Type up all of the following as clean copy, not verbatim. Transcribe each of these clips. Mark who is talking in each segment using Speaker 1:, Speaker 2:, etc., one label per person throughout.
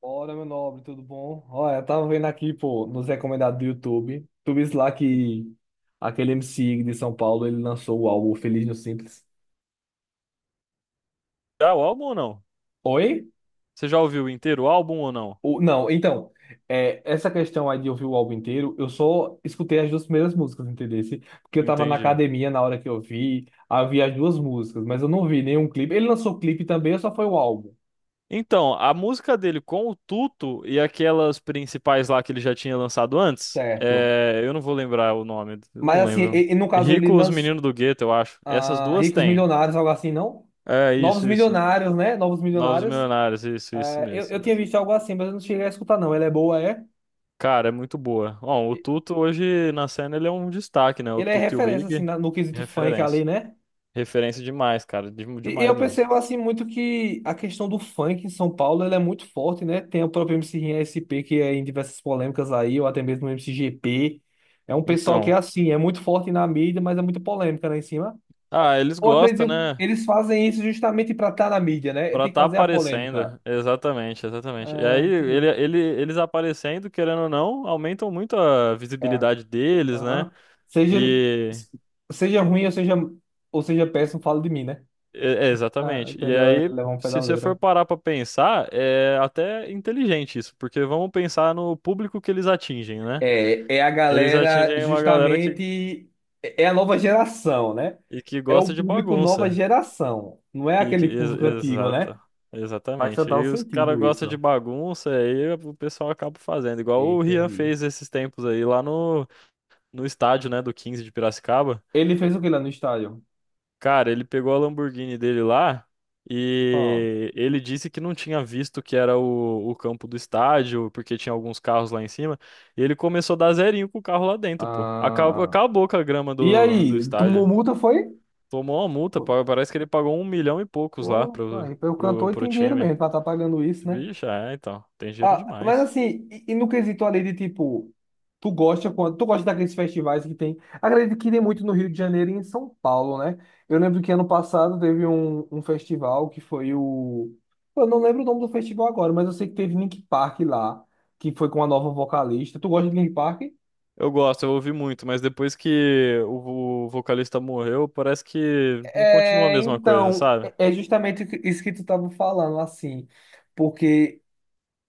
Speaker 1: Bora, meu nobre, tudo bom? Olha, eu tava vendo aqui, pô, nos recomendados do YouTube. Tu viste lá que aquele MC de São Paulo, ele lançou o álbum Feliz no Simples.
Speaker 2: Já o álbum ou não?
Speaker 1: Oi?
Speaker 2: Você já ouviu inteiro o álbum ou não?
Speaker 1: Não, então, essa questão aí de ouvir o álbum inteiro, eu só escutei as duas primeiras músicas, entendeu? Porque eu tava na
Speaker 2: Entendi.
Speaker 1: academia na hora que eu vi, havia as duas músicas, mas eu não vi nenhum clipe. Ele lançou clipe também, ou só foi o álbum?
Speaker 2: Então, a música dele com o Tuto e aquelas principais lá que ele já tinha lançado antes,
Speaker 1: Certo.
Speaker 2: é, eu não vou lembrar o nome, eu
Speaker 1: Mas
Speaker 2: não
Speaker 1: assim,
Speaker 2: lembro.
Speaker 1: e no caso ele
Speaker 2: Rico, Os
Speaker 1: lançou.
Speaker 2: Meninos do Gueto, eu acho. Essas
Speaker 1: Ah,
Speaker 2: duas
Speaker 1: Ricos
Speaker 2: tem.
Speaker 1: Milionários, algo assim, não?
Speaker 2: É,
Speaker 1: Novos
Speaker 2: isso, isso.
Speaker 1: Milionários, né? Novos
Speaker 2: Novos
Speaker 1: Milionários.
Speaker 2: Milionários, isso
Speaker 1: É,
Speaker 2: mesmo,
Speaker 1: eu,
Speaker 2: isso
Speaker 1: eu tinha
Speaker 2: mesmo.
Speaker 1: visto algo assim, mas eu não cheguei a escutar, não. Ele é boa, é?
Speaker 2: Cara, é muito boa. Bom, o
Speaker 1: E-
Speaker 2: Tuto hoje na cena ele é um destaque, né? O
Speaker 1: Ele é
Speaker 2: Tuto e o
Speaker 1: referência, assim,
Speaker 2: Ig,
Speaker 1: no quesito funk
Speaker 2: referência.
Speaker 1: ali, né?
Speaker 2: Referência demais, cara,
Speaker 1: E
Speaker 2: demais
Speaker 1: eu
Speaker 2: mesmo.
Speaker 1: percebo, assim, muito que a questão do funk em São Paulo, ele é muito forte, né? Tem o próprio MC Rinha SP, que é em diversas polêmicas aí, ou até mesmo o MC GP. É um pessoal que,
Speaker 2: Então,
Speaker 1: é assim, é muito forte na mídia, mas é muito polêmica lá em cima.
Speaker 2: ah, eles
Speaker 1: Ou
Speaker 2: gostam,
Speaker 1: acredito,
Speaker 2: né?
Speaker 1: eles fazem isso justamente para estar na mídia, né?
Speaker 2: Pra
Speaker 1: Tem que
Speaker 2: tá
Speaker 1: fazer a polêmica.
Speaker 2: aparecendo, exatamente, exatamente. E aí
Speaker 1: É, entendi.
Speaker 2: eles aparecendo, querendo ou não, aumentam muito a
Speaker 1: É.
Speaker 2: visibilidade deles, né?
Speaker 1: Aham. Seja,
Speaker 2: E
Speaker 1: Seja ruim ou seja péssimo, fala de mim, né?
Speaker 2: é,
Speaker 1: Ah,
Speaker 2: exatamente. E
Speaker 1: entendeu? Ele
Speaker 2: aí,
Speaker 1: leva um pé
Speaker 2: se
Speaker 1: da
Speaker 2: você for
Speaker 1: letra.
Speaker 2: parar pra pensar, é até inteligente isso, porque vamos pensar no público que eles atingem, né?
Speaker 1: É, é a
Speaker 2: Eles
Speaker 1: galera
Speaker 2: atingem uma galera que,
Speaker 1: justamente. É a nova geração, né?
Speaker 2: e que
Speaker 1: É o
Speaker 2: gosta de
Speaker 1: público nova
Speaker 2: bagunça.
Speaker 1: geração. Não é
Speaker 2: E que,
Speaker 1: aquele
Speaker 2: ex-
Speaker 1: público antigo, né?
Speaker 2: Exato.
Speaker 1: Faz
Speaker 2: Exatamente.
Speaker 1: total
Speaker 2: E os caras
Speaker 1: sentido
Speaker 2: gostam de
Speaker 1: isso.
Speaker 2: bagunça, aí o pessoal acaba fazendo, igual o Rian
Speaker 1: Entendi.
Speaker 2: fez esses tempos aí lá no no estádio, né, do 15 de Piracicaba.
Speaker 1: Ele fez o que lá no estádio?
Speaker 2: Cara, ele pegou a Lamborghini dele lá
Speaker 1: Ó.
Speaker 2: e ele disse que não tinha visto que era o campo do estádio, porque tinha alguns carros lá em cima. E ele começou a dar zerinho com o carro lá dentro, pô.
Speaker 1: Ah.
Speaker 2: Acabou com a grama
Speaker 1: E
Speaker 2: do
Speaker 1: aí? Tomou
Speaker 2: estádio.
Speaker 1: multa, foi?
Speaker 2: Tomou uma multa, parece que ele pagou um milhão e poucos lá
Speaker 1: Pô, pô, aí, pelo cantor ele
Speaker 2: pro
Speaker 1: tem dinheiro
Speaker 2: time.
Speaker 1: mesmo pra estar pagando isso, né?
Speaker 2: Vixe, é, então, tem dinheiro
Speaker 1: Ah, mas
Speaker 2: demais.
Speaker 1: assim, e no quesito ali de tipo, tu gosta daqueles festivais que tem. Acredito que tem muito no Rio de Janeiro e em São Paulo, né? Eu lembro que ano passado teve um festival que foi o. Pô, eu não lembro o nome do festival agora, mas eu sei que teve Link Park lá, que foi com a nova vocalista. Tu gosta de Link Park?
Speaker 2: Eu gosto, eu ouvi muito, mas depois que o vocalista morreu, parece que não continua a
Speaker 1: É,
Speaker 2: mesma coisa,
Speaker 1: então,
Speaker 2: sabe?
Speaker 1: é justamente isso que tu estava falando, assim, porque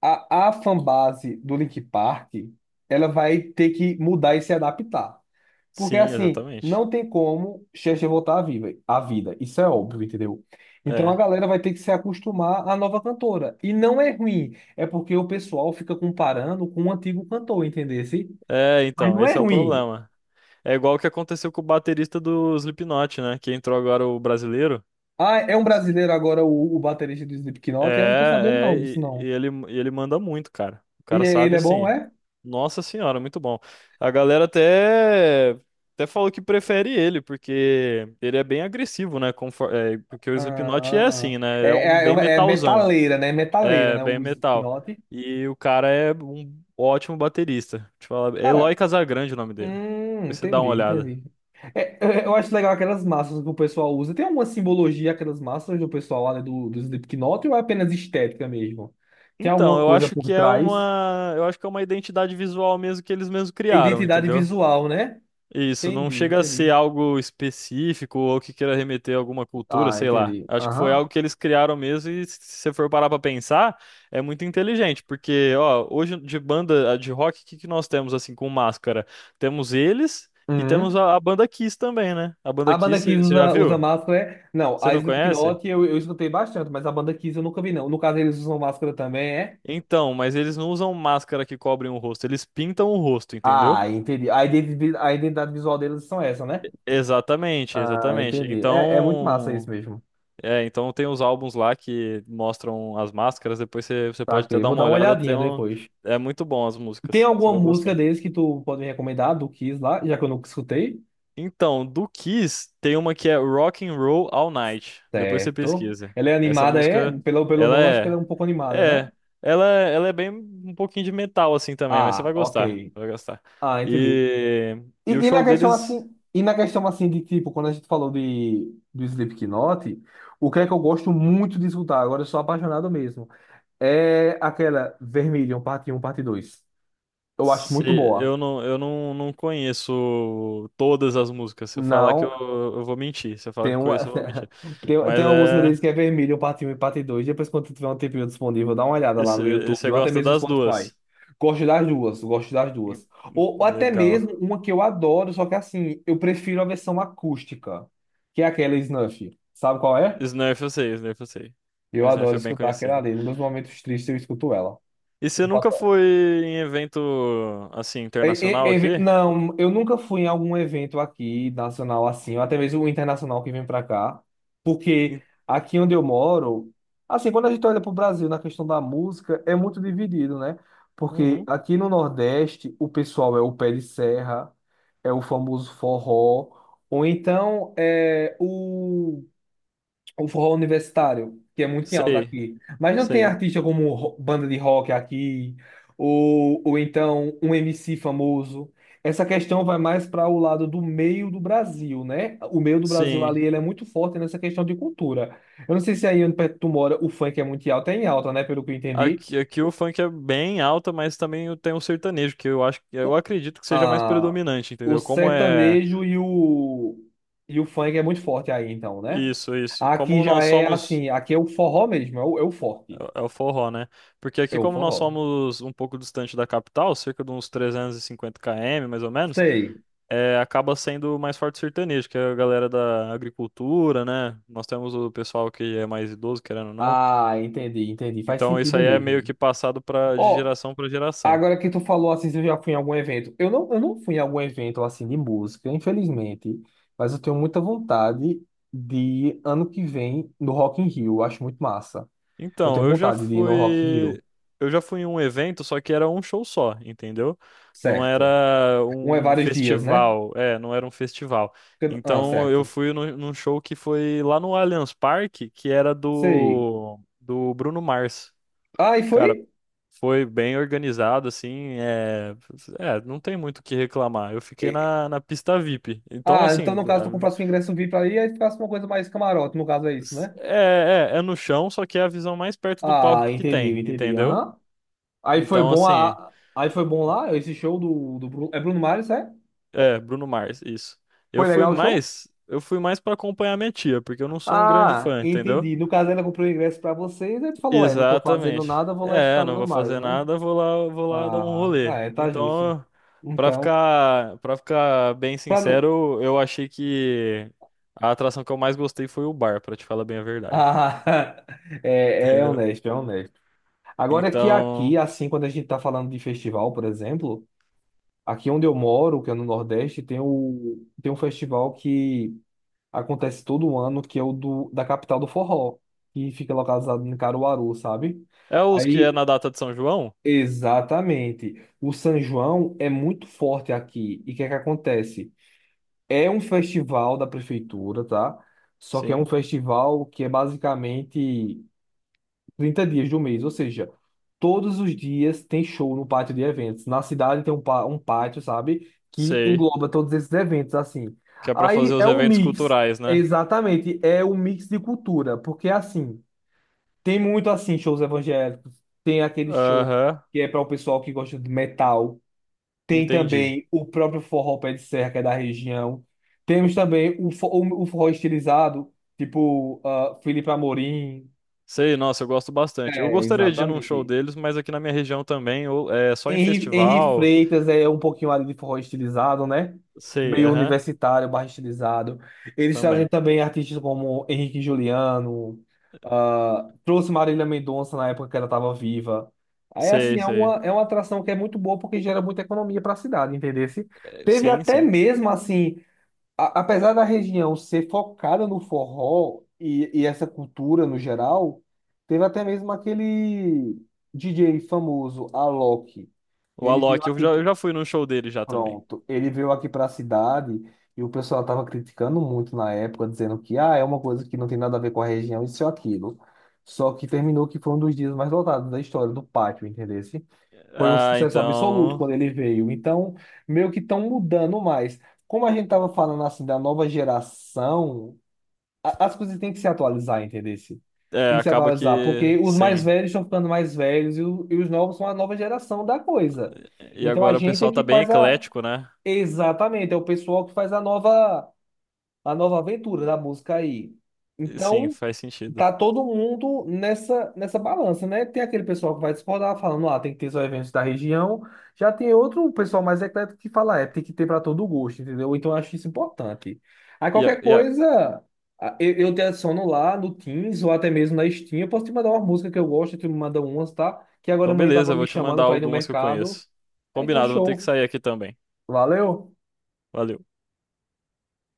Speaker 1: a fanbase do Link Park, ela vai ter que mudar e se adaptar. Porque
Speaker 2: Sim,
Speaker 1: assim,
Speaker 2: exatamente.
Speaker 1: não tem como Cher voltar à vida. Isso é óbvio, entendeu? Então a
Speaker 2: É.
Speaker 1: galera vai ter que se acostumar à nova cantora. E não é ruim, é porque o pessoal fica comparando com o antigo cantor, entendesse?
Speaker 2: É,
Speaker 1: Mas
Speaker 2: então,
Speaker 1: não é
Speaker 2: esse é o
Speaker 1: ruim.
Speaker 2: problema. É igual o que aconteceu com o baterista do Slipknot, né? Que entrou agora o brasileiro.
Speaker 1: Ah, é um brasileiro agora o baterista do Slipknot? Eu não tô sabendo
Speaker 2: É, é,
Speaker 1: não disso
Speaker 2: e, e
Speaker 1: não.
Speaker 2: ele, e ele manda muito, cara. O cara
Speaker 1: Ele
Speaker 2: sabe
Speaker 1: é bom,
Speaker 2: assim.
Speaker 1: é?
Speaker 2: Nossa senhora, muito bom. A galera até falou que prefere ele, porque ele é bem agressivo, né? É, porque o
Speaker 1: Ah,
Speaker 2: Slipknot é
Speaker 1: ah.
Speaker 2: assim, né? É um bem
Speaker 1: É
Speaker 2: metalzão.
Speaker 1: metaleira, né? Metaleira,
Speaker 2: É,
Speaker 1: né?
Speaker 2: bem
Speaker 1: O
Speaker 2: metal.
Speaker 1: Slipknot.
Speaker 2: E o cara é um ótimo baterista. Te falar, Eloy
Speaker 1: Cara,
Speaker 2: Casagrande é o nome dele.
Speaker 1: hum,
Speaker 2: Depois você dá uma olhada.
Speaker 1: entendi. É, é, eu acho legal aquelas máscaras que o pessoal usa. Tem alguma simbologia aquelas máscaras do pessoal lá, né, do Slipknot ou é apenas estética mesmo? Tem
Speaker 2: Então,
Speaker 1: alguma
Speaker 2: eu
Speaker 1: coisa
Speaker 2: acho
Speaker 1: por
Speaker 2: que é
Speaker 1: trás?
Speaker 2: uma, identidade visual mesmo que eles mesmos
Speaker 1: É
Speaker 2: criaram,
Speaker 1: identidade
Speaker 2: entendeu?
Speaker 1: visual, né?
Speaker 2: Isso, não chega a ser
Speaker 1: Entendi.
Speaker 2: algo específico ou que queira remeter a alguma cultura,
Speaker 1: Ah,
Speaker 2: sei lá.
Speaker 1: entendi.
Speaker 2: Acho que foi
Speaker 1: Aham.
Speaker 2: algo que eles criaram mesmo e se você for parar pra pensar, é muito inteligente, porque, ó, hoje de banda de rock, o que que nós temos assim com máscara? Temos eles e temos
Speaker 1: Uhum.
Speaker 2: a banda Kiss também, né? A banda
Speaker 1: A banda
Speaker 2: Kiss,
Speaker 1: Kiss
Speaker 2: você já
Speaker 1: usa
Speaker 2: viu?
Speaker 1: máscara, é? Não,
Speaker 2: Você
Speaker 1: a
Speaker 2: não conhece?
Speaker 1: Slipknot eu escutei bastante, mas a banda Kiss eu nunca vi, não. No caso, eles usam máscara também, é?
Speaker 2: Então, mas eles não usam máscara que cobrem o rosto, eles pintam o rosto, entendeu?
Speaker 1: Ah, entendi. A identidade visual deles são essa, né?
Speaker 2: Exatamente,
Speaker 1: Ah,
Speaker 2: exatamente.
Speaker 1: entendi. É, é muito massa isso
Speaker 2: Então,
Speaker 1: mesmo.
Speaker 2: É, então tem os álbuns lá que mostram as máscaras, depois você pode até
Speaker 1: Saquei.
Speaker 2: dar
Speaker 1: Vou
Speaker 2: uma
Speaker 1: dar uma
Speaker 2: olhada, tem
Speaker 1: olhadinha
Speaker 2: um...
Speaker 1: depois.
Speaker 2: É muito bom as
Speaker 1: Tem
Speaker 2: músicas, você
Speaker 1: alguma
Speaker 2: vai gostar.
Speaker 1: música deles que tu pode me recomendar do Kiss lá, já que eu nunca escutei?
Speaker 2: Então, do Kiss, tem uma que é Rock and Roll All Night, depois você
Speaker 1: Certo.
Speaker 2: pesquisa.
Speaker 1: Ela é
Speaker 2: Essa
Speaker 1: animada,
Speaker 2: música,
Speaker 1: é? Pelo
Speaker 2: ela
Speaker 1: nome, acho que ela é
Speaker 2: é,
Speaker 1: um pouco animada,
Speaker 2: é,
Speaker 1: né?
Speaker 2: ela é bem um pouquinho de metal assim também, mas você
Speaker 1: Ah,
Speaker 2: vai gostar,
Speaker 1: ok.
Speaker 2: vai gostar.
Speaker 1: Ah, entendi.
Speaker 2: E o show deles
Speaker 1: E na questão assim de tipo, quando a gente falou de do Slipknot, o que é que eu gosto muito de escutar, agora eu sou apaixonado mesmo, é aquela Vermilion, parte 1, parte 2. Eu acho
Speaker 2: Se,
Speaker 1: muito boa.
Speaker 2: eu não, não conheço todas as músicas. Se eu falar que
Speaker 1: Não,
Speaker 2: eu vou mentir. Se eu falar que
Speaker 1: Tem
Speaker 2: eu
Speaker 1: uma,
Speaker 2: conheço, eu vou mentir. Mas
Speaker 1: tem uma música deles
Speaker 2: é.
Speaker 1: que é vermelho, parte Um e parte 2. Depois, quando tiver um tempinho disponível, dá uma olhada lá no
Speaker 2: Esse,
Speaker 1: YouTube
Speaker 2: você
Speaker 1: ou até
Speaker 2: gosta
Speaker 1: mesmo no
Speaker 2: das
Speaker 1: Spotify.
Speaker 2: duas.
Speaker 1: Gosto das duas, gosto das
Speaker 2: Hum,
Speaker 1: duas.
Speaker 2: hum.
Speaker 1: Ou até
Speaker 2: Legal.
Speaker 1: mesmo uma que eu adoro, só que assim, eu prefiro a versão acústica, que é aquela Snuff. Sabe qual é?
Speaker 2: Snurf eu sei, Snurf eu sei.
Speaker 1: Eu
Speaker 2: Snurf
Speaker 1: adoro
Speaker 2: é bem
Speaker 1: escutar aquela
Speaker 2: conhecida.
Speaker 1: ali. Nos meus momentos tristes, eu escuto ela.
Speaker 2: E você nunca foi em evento assim, internacional aqui?
Speaker 1: Não, eu nunca fui em algum evento aqui nacional assim, ou até mesmo internacional que vem para cá, porque
Speaker 2: Em-
Speaker 1: aqui onde eu moro, assim, quando a gente olha para o Brasil na questão da música, é muito dividido, né? Porque
Speaker 2: Uhum.
Speaker 1: aqui no Nordeste, o pessoal é o pé de serra, é o famoso forró, ou então é o forró universitário, que é muito em alta
Speaker 2: Sei,
Speaker 1: aqui. Mas não tem
Speaker 2: sei.
Speaker 1: artista como banda de rock aqui, ou então um MC famoso. Essa questão vai mais para o lado do meio do Brasil, né? O meio do Brasil
Speaker 2: Sim.
Speaker 1: ali, ele é muito forte nessa questão de cultura. Eu não sei se aí onde perto tu mora, o funk é muito em alta, é em alta, né? Pelo que eu entendi.
Speaker 2: Aqui o funk é bem alta, mas também tem o sertanejo, que eu acho, eu
Speaker 1: O,
Speaker 2: acredito que seja mais
Speaker 1: a,
Speaker 2: predominante,
Speaker 1: o
Speaker 2: entendeu? Como é?
Speaker 1: sertanejo e o funk é muito forte aí, então, né?
Speaker 2: Isso, isso.
Speaker 1: Aqui
Speaker 2: Como
Speaker 1: já
Speaker 2: nós
Speaker 1: é
Speaker 2: somos.
Speaker 1: assim, aqui é o forró mesmo, é é o forte.
Speaker 2: É o forró, né? Porque
Speaker 1: É
Speaker 2: aqui,
Speaker 1: o
Speaker 2: como nós
Speaker 1: forró.
Speaker 2: somos um pouco distante da capital, cerca de uns 350 km, mais ou menos,
Speaker 1: Sei.
Speaker 2: é, acaba sendo mais forte o sertanejo, que é a galera da agricultura, né? Nós temos o pessoal que é mais idoso, querendo ou não.
Speaker 1: Ah, entendi. Faz
Speaker 2: Então, isso
Speaker 1: sentido
Speaker 2: aí é meio
Speaker 1: mesmo.
Speaker 2: que passado de
Speaker 1: Ó,
Speaker 2: geração para geração.
Speaker 1: agora que tu falou assim, se eu já fui em algum evento. Eu não fui em algum evento assim de música, infelizmente, mas eu tenho muita vontade de ir ano que vem no Rock in Rio. Eu acho muito massa. Eu
Speaker 2: Então,
Speaker 1: tenho
Speaker 2: eu já
Speaker 1: vontade de ir no Rock in
Speaker 2: fui.
Speaker 1: Rio.
Speaker 2: Eu já fui em um evento, só que era um show só, entendeu? Não
Speaker 1: Certo.
Speaker 2: era
Speaker 1: Um é
Speaker 2: um
Speaker 1: vários dias, né?
Speaker 2: festival. É, não era um festival.
Speaker 1: Ah,
Speaker 2: Então, eu
Speaker 1: certo.
Speaker 2: fui num show que foi lá no Allianz Parque, que era
Speaker 1: Sei.
Speaker 2: do Bruno Mars.
Speaker 1: Ah, e
Speaker 2: Cara,
Speaker 1: foi?
Speaker 2: foi bem organizado, assim. É, não tem muito o que reclamar. Eu fiquei
Speaker 1: E-
Speaker 2: na pista VIP. Então,
Speaker 1: Ah, então
Speaker 2: assim,
Speaker 1: no caso tu
Speaker 2: a-
Speaker 1: comprasse um ingresso VIP aí, aí ficasse uma coisa mais camarote, no caso é isso, né?
Speaker 2: é, é, é no chão, só que é a visão mais perto do
Speaker 1: Ah,
Speaker 2: palco que tem,
Speaker 1: entendi.
Speaker 2: entendeu?
Speaker 1: Aham. Aí foi
Speaker 2: Então,
Speaker 1: bom
Speaker 2: assim.
Speaker 1: aí foi bom lá esse show do Bruno, é Bruno Mars, é?
Speaker 2: É, Bruno Mars, isso. Eu
Speaker 1: Foi
Speaker 2: fui
Speaker 1: legal o show?
Speaker 2: mais, eu fui mais para acompanhar minha tia, porque eu não sou um grande
Speaker 1: Ah,
Speaker 2: fã, entendeu?
Speaker 1: entendi. No caso, ela comprou o ingresso pra vocês, aí tu falou, é, não tô fazendo
Speaker 2: Exatamente.
Speaker 1: nada, vou lá
Speaker 2: É,
Speaker 1: escutar
Speaker 2: não
Speaker 1: Bruno
Speaker 2: vou
Speaker 1: Mars,
Speaker 2: fazer
Speaker 1: né?
Speaker 2: nada, vou lá, dar um
Speaker 1: Ah, ah,
Speaker 2: rolê.
Speaker 1: é, tá justo.
Speaker 2: Então,
Speaker 1: Então,
Speaker 2: para ficar bem
Speaker 1: pra não.
Speaker 2: sincero, eu achei que a atração que eu mais gostei foi o bar, pra te falar bem a verdade,
Speaker 1: Ah, é, é
Speaker 2: entendeu?
Speaker 1: honesto, é honesto. Agora é que aqui,
Speaker 2: Então,
Speaker 1: assim, quando a gente tá falando de festival, por exemplo, aqui onde eu moro, que é no Nordeste, tem o, tem um festival que acontece todo um ano, que é da capital do forró, que fica localizado em Caruaru, sabe?
Speaker 2: é os que é
Speaker 1: Aí,
Speaker 2: na data de São João?
Speaker 1: exatamente. O São João é muito forte aqui. E o que é que acontece? É um festival da prefeitura, tá? Só que é um
Speaker 2: Sim,
Speaker 1: festival que é basicamente 30 dias do mês, ou seja, todos os dias tem show no pátio de eventos. Na cidade tem um pátio, sabe? Que
Speaker 2: sei,
Speaker 1: engloba todos esses eventos, assim.
Speaker 2: que é pra
Speaker 1: Aí
Speaker 2: fazer os
Speaker 1: é um
Speaker 2: eventos
Speaker 1: mix,
Speaker 2: culturais, né?
Speaker 1: exatamente, é um mix de cultura, porque assim, tem muito assim, shows evangélicos, tem aquele show
Speaker 2: Aham,
Speaker 1: que é para o pessoal que gosta de metal, tem
Speaker 2: entendi.
Speaker 1: também o próprio forró pé de serra, que é da região, temos também o forró estilizado, tipo ah, Felipe Amorim,
Speaker 2: Sei, nossa, eu gosto bastante. Eu
Speaker 1: é,
Speaker 2: gostaria de ir num show
Speaker 1: exatamente.
Speaker 2: deles, mas aqui na minha região também, ou é só em
Speaker 1: Henri
Speaker 2: festival.
Speaker 1: Freitas é um pouquinho ali de forró estilizado, né?
Speaker 2: Sei,
Speaker 1: Meio
Speaker 2: aham,
Speaker 1: universitário, barra estilizado. Eles trazem
Speaker 2: também.
Speaker 1: também artistas como Henrique e Juliano, ah, trouxe Marília Mendonça na época que ela estava viva. Aí,
Speaker 2: Sei,
Speaker 1: assim, é
Speaker 2: sei.
Speaker 1: é uma atração que é muito boa porque gera muita economia para a cidade, entendeu?
Speaker 2: É,
Speaker 1: Teve
Speaker 2: sim,
Speaker 1: até
Speaker 2: sim.
Speaker 1: mesmo, assim, apesar da região ser focada no forró e essa cultura no geral, teve até mesmo aquele DJ famoso, Alok.
Speaker 2: O
Speaker 1: Ele veio
Speaker 2: Alok, eu
Speaker 1: aqui,
Speaker 2: já, eu já fui num show dele já também.
Speaker 1: pronto, ele veio aqui para a cidade e o pessoal estava criticando muito na época, dizendo que ah, é uma coisa que não tem nada a ver com a região, isso ou aquilo. Só que terminou que foi um dos dias mais lotados da história do pátio, entendeu? Foi um
Speaker 2: Ah,
Speaker 1: sucesso absoluto
Speaker 2: então.
Speaker 1: quando ele veio. Então, meio que estão mudando mais. Como a gente estava falando assim da nova geração, as coisas têm que se atualizar, entendeu?
Speaker 2: É,
Speaker 1: Tem que se
Speaker 2: acaba
Speaker 1: atualizar,
Speaker 2: que.
Speaker 1: porque os mais
Speaker 2: Sim.
Speaker 1: velhos estão ficando mais velhos e os novos são a nova geração da coisa.
Speaker 2: E
Speaker 1: Então a
Speaker 2: agora o
Speaker 1: gente é
Speaker 2: pessoal tá
Speaker 1: que
Speaker 2: bem
Speaker 1: faz a.
Speaker 2: eclético, né?
Speaker 1: Exatamente, é o pessoal que faz a nova aventura da música aí.
Speaker 2: E sim,
Speaker 1: Então
Speaker 2: faz sentido.
Speaker 1: tá todo mundo nessa, nessa balança, né? Tem aquele pessoal que vai discordar, falando, ah, tem que ter só eventos da região. Já tem outro pessoal mais eclético que fala, é, tem que ter para todo gosto, entendeu? Então eu acho isso importante. Aí
Speaker 2: E, a-
Speaker 1: qualquer
Speaker 2: e a-
Speaker 1: coisa, eu te adiciono lá no Teams ou até mesmo na Steam. Eu posso te mandar uma música que eu gosto, tu me manda umas, tá? Que agora
Speaker 2: Então,
Speaker 1: amanhã
Speaker 2: beleza,
Speaker 1: tava
Speaker 2: eu
Speaker 1: me
Speaker 2: vou te
Speaker 1: chamando
Speaker 2: mandar
Speaker 1: para ir no
Speaker 2: algumas que eu
Speaker 1: mercado.
Speaker 2: conheço.
Speaker 1: É, então
Speaker 2: Combinado, vou ter que
Speaker 1: show.
Speaker 2: sair aqui também.
Speaker 1: Valeu!
Speaker 2: Valeu.